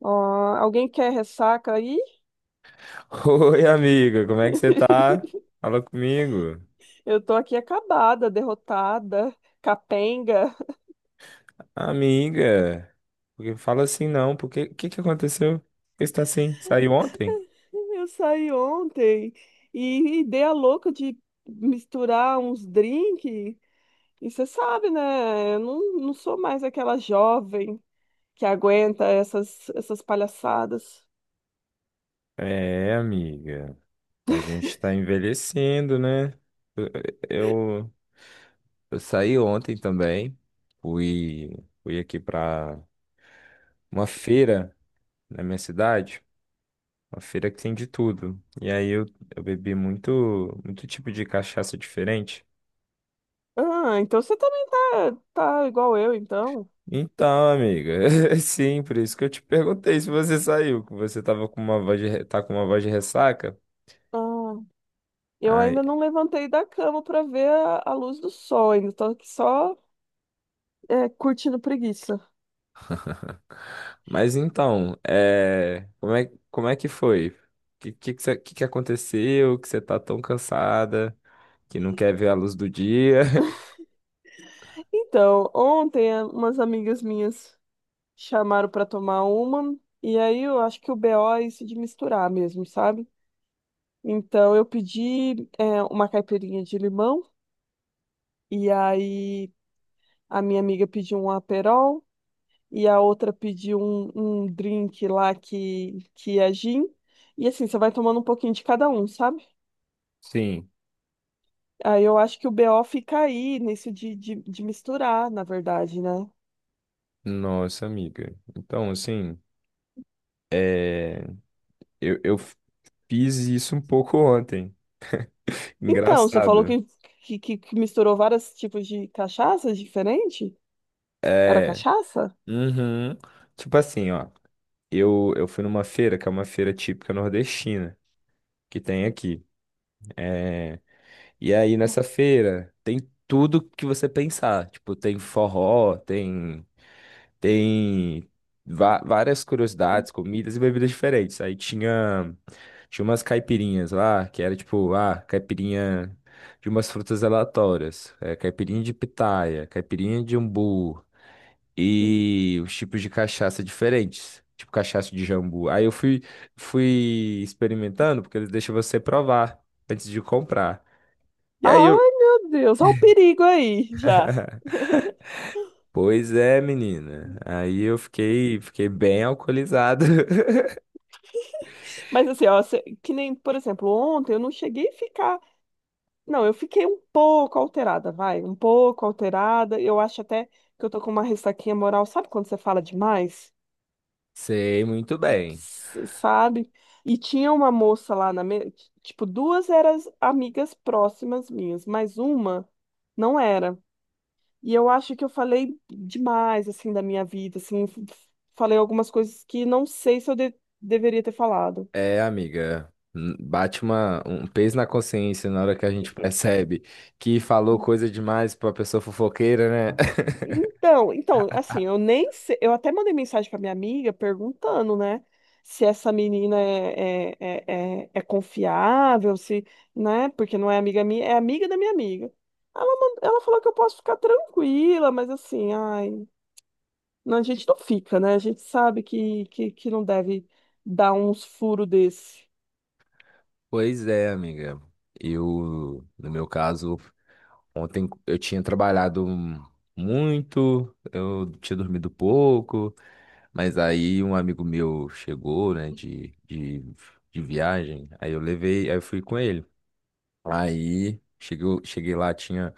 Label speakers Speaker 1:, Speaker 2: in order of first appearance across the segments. Speaker 1: Ó, alguém quer ressaca aí?
Speaker 2: Oi, amiga, como é que você tá? Fala comigo.
Speaker 1: Eu tô aqui acabada, derrotada, capenga.
Speaker 2: Amiga, porque fala assim não, porque o que que aconteceu? Por que você tá assim? Saiu ontem?
Speaker 1: Eu saí ontem e dei a louca de misturar uns drinks. E você sabe, né? Eu não sou mais aquela jovem que aguenta essas palhaçadas.
Speaker 2: É, amiga, a gente tá envelhecendo, né? Eu, eu, eu saí ontem também, fui, fui aqui pra uma feira na minha cidade, uma feira que tem de tudo. E aí eu bebi muito, muito tipo de cachaça diferente.
Speaker 1: Ah, então você também tá igual eu, então.
Speaker 2: Então, amiga, é sim, por isso que eu te perguntei se você saiu, que você tava com uma voz tá com uma voz de ressaca.
Speaker 1: Ah, eu
Speaker 2: Ai,
Speaker 1: ainda não levantei da cama pra ver a luz do sol, ainda tô aqui só curtindo preguiça.
Speaker 2: mas então, é, como é que foi? O que que aconteceu? Que você tá tão cansada, que não quer ver a luz do dia?
Speaker 1: Então, ontem umas amigas minhas chamaram para tomar uma, e aí eu acho que o BO é isso de misturar mesmo, sabe? Então eu pedi uma caipirinha de limão, e aí a minha amiga pediu um Aperol, e a outra pediu um drink lá que é gin. E assim, você vai tomando um pouquinho de cada um, sabe?
Speaker 2: Sim,
Speaker 1: Aí eu acho que o BO fica aí, nisso de misturar, na verdade, né?
Speaker 2: nossa amiga. Então, assim, eu fiz isso um pouco ontem.
Speaker 1: Então, você falou
Speaker 2: Engraçado.
Speaker 1: que misturou vários tipos de cachaças diferentes? Era
Speaker 2: É,
Speaker 1: cachaça?
Speaker 2: uhum. Tipo assim, ó, eu fui numa feira, que é uma feira típica nordestina que tem aqui. É, e aí nessa feira tem tudo que você pensar. Tipo, tem forró, tem tem várias curiosidades, comidas e bebidas diferentes. Aí tinha tinha umas caipirinhas lá, que era tipo, ah, caipirinha de umas frutas aleatórias, é, caipirinha de pitaia, caipirinha de umbu, e os tipos de cachaça diferentes, tipo cachaça de jambu. Aí eu fui, fui experimentando, porque eles deixam você provar antes de comprar. E aí eu,
Speaker 1: Ai, meu Deus, olha o perigo aí já.
Speaker 2: pois é, menina. Aí eu fiquei, fiquei bem alcoolizado.
Speaker 1: Mas assim, ó, que nem, por exemplo, ontem eu não cheguei a ficar. Não, eu fiquei um pouco alterada, vai, um pouco alterada. Eu acho até que eu tô com uma ressaquinha moral. Sabe quando você fala demais?
Speaker 2: Sei muito bem.
Speaker 1: Sabe? E tinha uma moça lá na mesa, tipo, duas eram amigas próximas minhas, mas uma não era. E eu acho que eu falei demais, assim, da minha vida, assim, falei algumas coisas que não sei se eu deveria ter falado.
Speaker 2: É, amiga, bate uma, um peso na consciência na hora que a
Speaker 1: E-
Speaker 2: gente
Speaker 1: e-
Speaker 2: percebe que falou coisa demais pra pessoa fofoqueira, né?
Speaker 1: Então, então, assim, eu nem sei, eu até mandei mensagem pra minha amiga perguntando, né, se essa menina é, é confiável, se, né, porque não é amiga minha, é amiga da minha amiga. Ela, ela falou que eu posso ficar tranquila, mas assim, ai, não, a gente não fica, né, a gente sabe que não deve dar uns furos desse.
Speaker 2: Pois é, amiga. Eu, no meu caso, ontem eu tinha trabalhado muito, eu tinha dormido pouco, mas aí um amigo meu chegou, né, de viagem, aí eu levei, aí eu fui com ele. Aí chegou, cheguei lá, tinha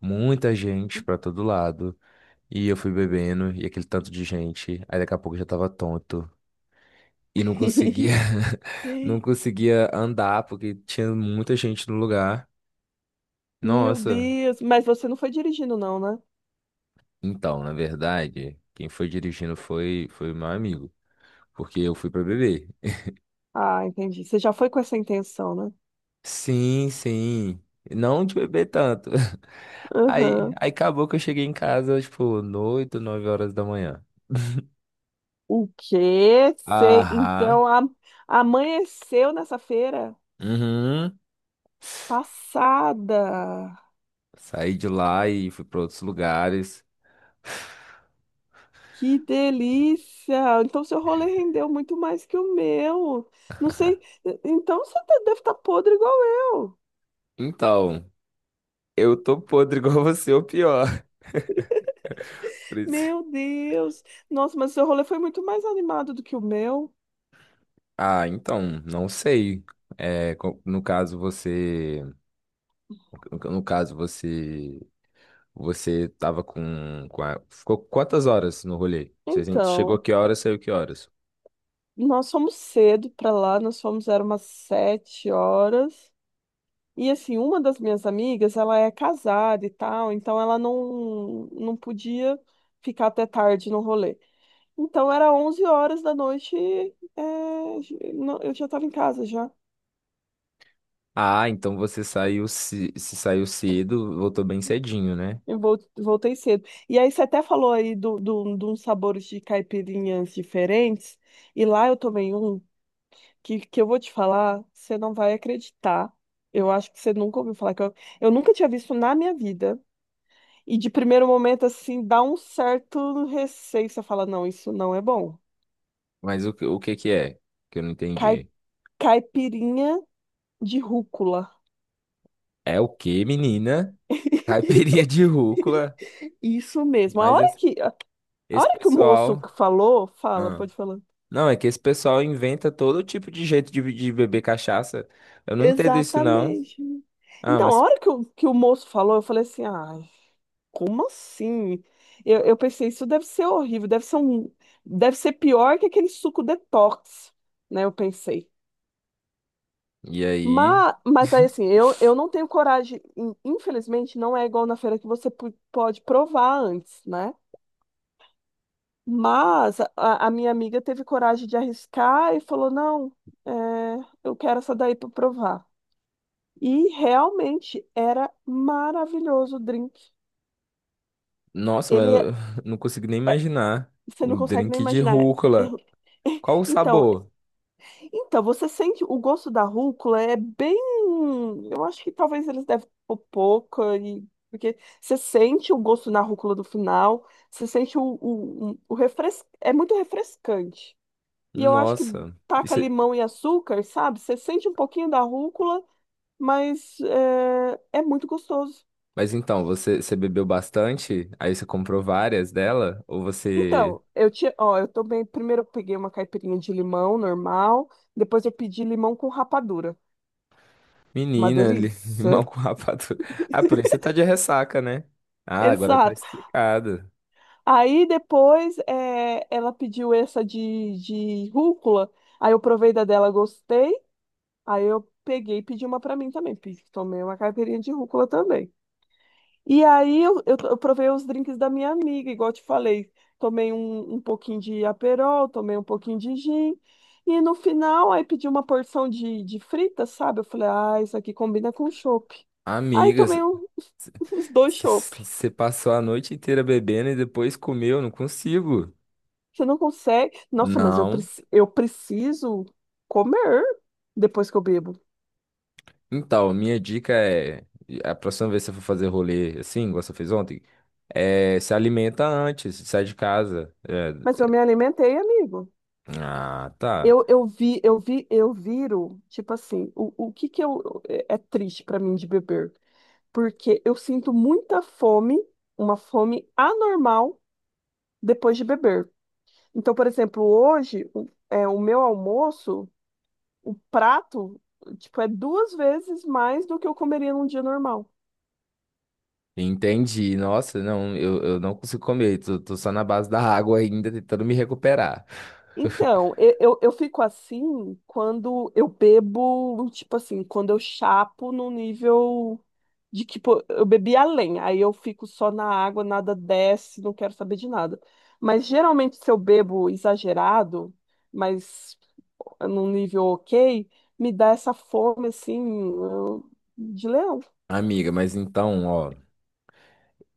Speaker 2: muita gente pra todo lado, e eu fui bebendo, e aquele tanto de gente, aí daqui a pouco eu já tava tonto. E não conseguia, não conseguia andar porque tinha muita gente no lugar.
Speaker 1: Meu
Speaker 2: Nossa,
Speaker 1: Deus, mas você não foi dirigindo, não, né?
Speaker 2: então, na verdade, quem foi dirigindo foi o meu amigo, porque eu fui pra beber.
Speaker 1: Ah, entendi. Você já foi com essa intenção, né?
Speaker 2: Sim, sim. Não de beber tanto.
Speaker 1: Aham.
Speaker 2: Aí acabou que eu cheguei em casa, tipo, noito, 9 horas da manhã.
Speaker 1: O quê? Você,
Speaker 2: Aham.
Speaker 1: então, amanheceu nessa feira
Speaker 2: Uhum.
Speaker 1: passada.
Speaker 2: Saí de lá e fui pra outros lugares.
Speaker 1: Que delícia! Então, seu rolê rendeu muito mais que o meu. Não sei. Então, deve estar podre igual eu.
Speaker 2: Então, eu tô podre igual você, ou pior. Por isso...
Speaker 1: Meu Deus! Nossa, mas seu rolê foi muito mais animado do que o meu.
Speaker 2: Ah, então, não sei. É, co- no caso você. Você tava com a... Ficou quantas horas no rolê? Você chegou
Speaker 1: Então.
Speaker 2: que horas, saiu que horas?
Speaker 1: Nós fomos cedo para lá, nós fomos, era umas 7 horas. E assim, uma das minhas amigas, ela é casada e tal, então ela não podia ficar até tarde no rolê. Então era 23 horas da noite, eu já estava em casa já.
Speaker 2: Ah, então você saiu se saiu cedo, voltou bem cedinho, né?
Speaker 1: Voltei cedo. E aí você até falou aí de uns sabores de caipirinhas diferentes, e lá eu tomei um, que eu vou te falar, você não vai acreditar. Eu acho que você nunca ouviu falar que eu nunca tinha visto na minha vida. E de primeiro momento, assim, dá um certo receio. Você fala, não, isso não é bom.
Speaker 2: Mas o que que é? Que eu não
Speaker 1: Cai-
Speaker 2: entendi.
Speaker 1: Caipirinha de rúcula.
Speaker 2: É o que, menina? Caipirinha de rúcula.
Speaker 1: Isso mesmo.
Speaker 2: Mas esse,
Speaker 1: A
Speaker 2: esse
Speaker 1: hora que o moço
Speaker 2: pessoal.
Speaker 1: falou, fala,
Speaker 2: Ah.
Speaker 1: pode falar.
Speaker 2: Não, é que esse pessoal inventa todo tipo de jeito de beber cachaça. Eu não entendo isso, não.
Speaker 1: Exatamente.
Speaker 2: Ah,
Speaker 1: Então, a
Speaker 2: mas.
Speaker 1: hora que o moço falou, eu falei assim, ai. Como assim? Eu pensei, isso deve ser horrível, deve ser um, deve ser pior que aquele suco detox, né? Eu pensei.
Speaker 2: E aí?
Speaker 1: Mas aí assim, eu não tenho coragem, infelizmente, não é igual na feira que você pode provar antes, né? Mas a, a minha amiga teve coragem de arriscar e falou: não, é, eu quero essa daí para provar. E realmente era maravilhoso o drink.
Speaker 2: Nossa, mas
Speaker 1: Ele é,
Speaker 2: eu não consigo nem imaginar.
Speaker 1: você não
Speaker 2: Um
Speaker 1: consegue nem
Speaker 2: drink de
Speaker 1: imaginar.
Speaker 2: rúcula. Qual o
Speaker 1: Então,
Speaker 2: sabor?
Speaker 1: então, você sente o gosto da rúcula é bem. Eu acho que talvez eles devem pôr pouca, e... porque você sente o gosto na rúcula do final, você sente o refres... É muito refrescante. E eu acho que
Speaker 2: Nossa. E
Speaker 1: taca
Speaker 2: cê-
Speaker 1: limão e açúcar, sabe? Você sente um pouquinho da rúcula, mas é muito gostoso.
Speaker 2: mas então, você bebeu bastante? Aí você comprou várias dela? Ou você.
Speaker 1: Então, eu tinha, ó, eu também, primeiro eu peguei uma caipirinha de limão normal, depois eu pedi limão com rapadura. Uma
Speaker 2: Menina, li- limão
Speaker 1: delícia.
Speaker 2: com rapadura. Ah, por isso você tá de ressaca, né? Ah, agora tá
Speaker 1: Exato.
Speaker 2: explicado.
Speaker 1: Aí depois ela pediu essa de rúcula. Aí eu provei da dela, gostei. Aí eu peguei e pedi uma pra mim também. Tomei uma caipirinha de rúcula também. E aí eu provei os drinks da minha amiga, igual eu te falei. Tomei um pouquinho de Aperol, tomei um pouquinho de gin. E no final, aí pedi uma porção de frita, sabe? Eu falei, ah, isso aqui combina com chopp. Aí
Speaker 2: Amigas,
Speaker 1: tomei um, os dois.
Speaker 2: você passou a noite inteira bebendo e depois comeu? Não consigo.
Speaker 1: Você não consegue. Nossa, mas eu,
Speaker 2: Não.
Speaker 1: eu preciso comer depois que eu bebo.
Speaker 2: Então, minha dica é, a próxima vez que você for fazer rolê assim, igual você fez ontem, é, se alimenta antes, sai de casa. É,
Speaker 1: Mas eu me alimentei, amigo.
Speaker 2: ah, tá.
Speaker 1: Eu, eu viro, tipo assim, o que que eu, é triste pra mim de beber? Porque eu sinto muita fome, uma fome anormal depois de beber. Então, por exemplo, hoje, o meu almoço, o prato, tipo, é 2 vezes mais do que eu comeria num dia normal.
Speaker 2: Entendi. Nossa, não, eu não consigo comer, tô só na base da água ainda, tentando me recuperar.
Speaker 1: Então, eu fico assim quando eu bebo, tipo assim, quando eu chapo no nível de que pô, eu bebi além, aí eu fico só na água, nada desce, não quero saber de nada. Mas geralmente se eu bebo exagerado, mas num nível ok, me dá essa fome assim eu- de leão.
Speaker 2: Amiga, mas então, ó,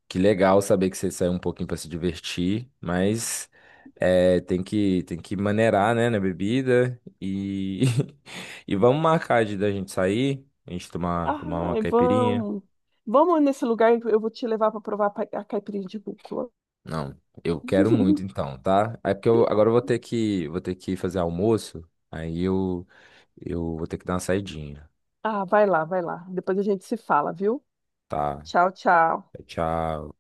Speaker 2: que legal saber que você saiu um pouquinho pra se divertir, mas é, tem que maneirar, né, na bebida e, e vamos marcar de da gente sair, a gente tomar,
Speaker 1: Ah,
Speaker 2: tomar uma caipirinha.
Speaker 1: vamos, vamos nesse lugar, eu vou te levar para provar a caipirinha de rúcula.
Speaker 2: Não, eu quero muito então, tá? É porque eu agora eu vou ter que fazer almoço, aí eu vou ter que dar uma saidinha,
Speaker 1: Ah, vai lá, vai lá. Depois a gente se fala, viu?
Speaker 2: tá?
Speaker 1: Tchau, tchau.
Speaker 2: Tchau.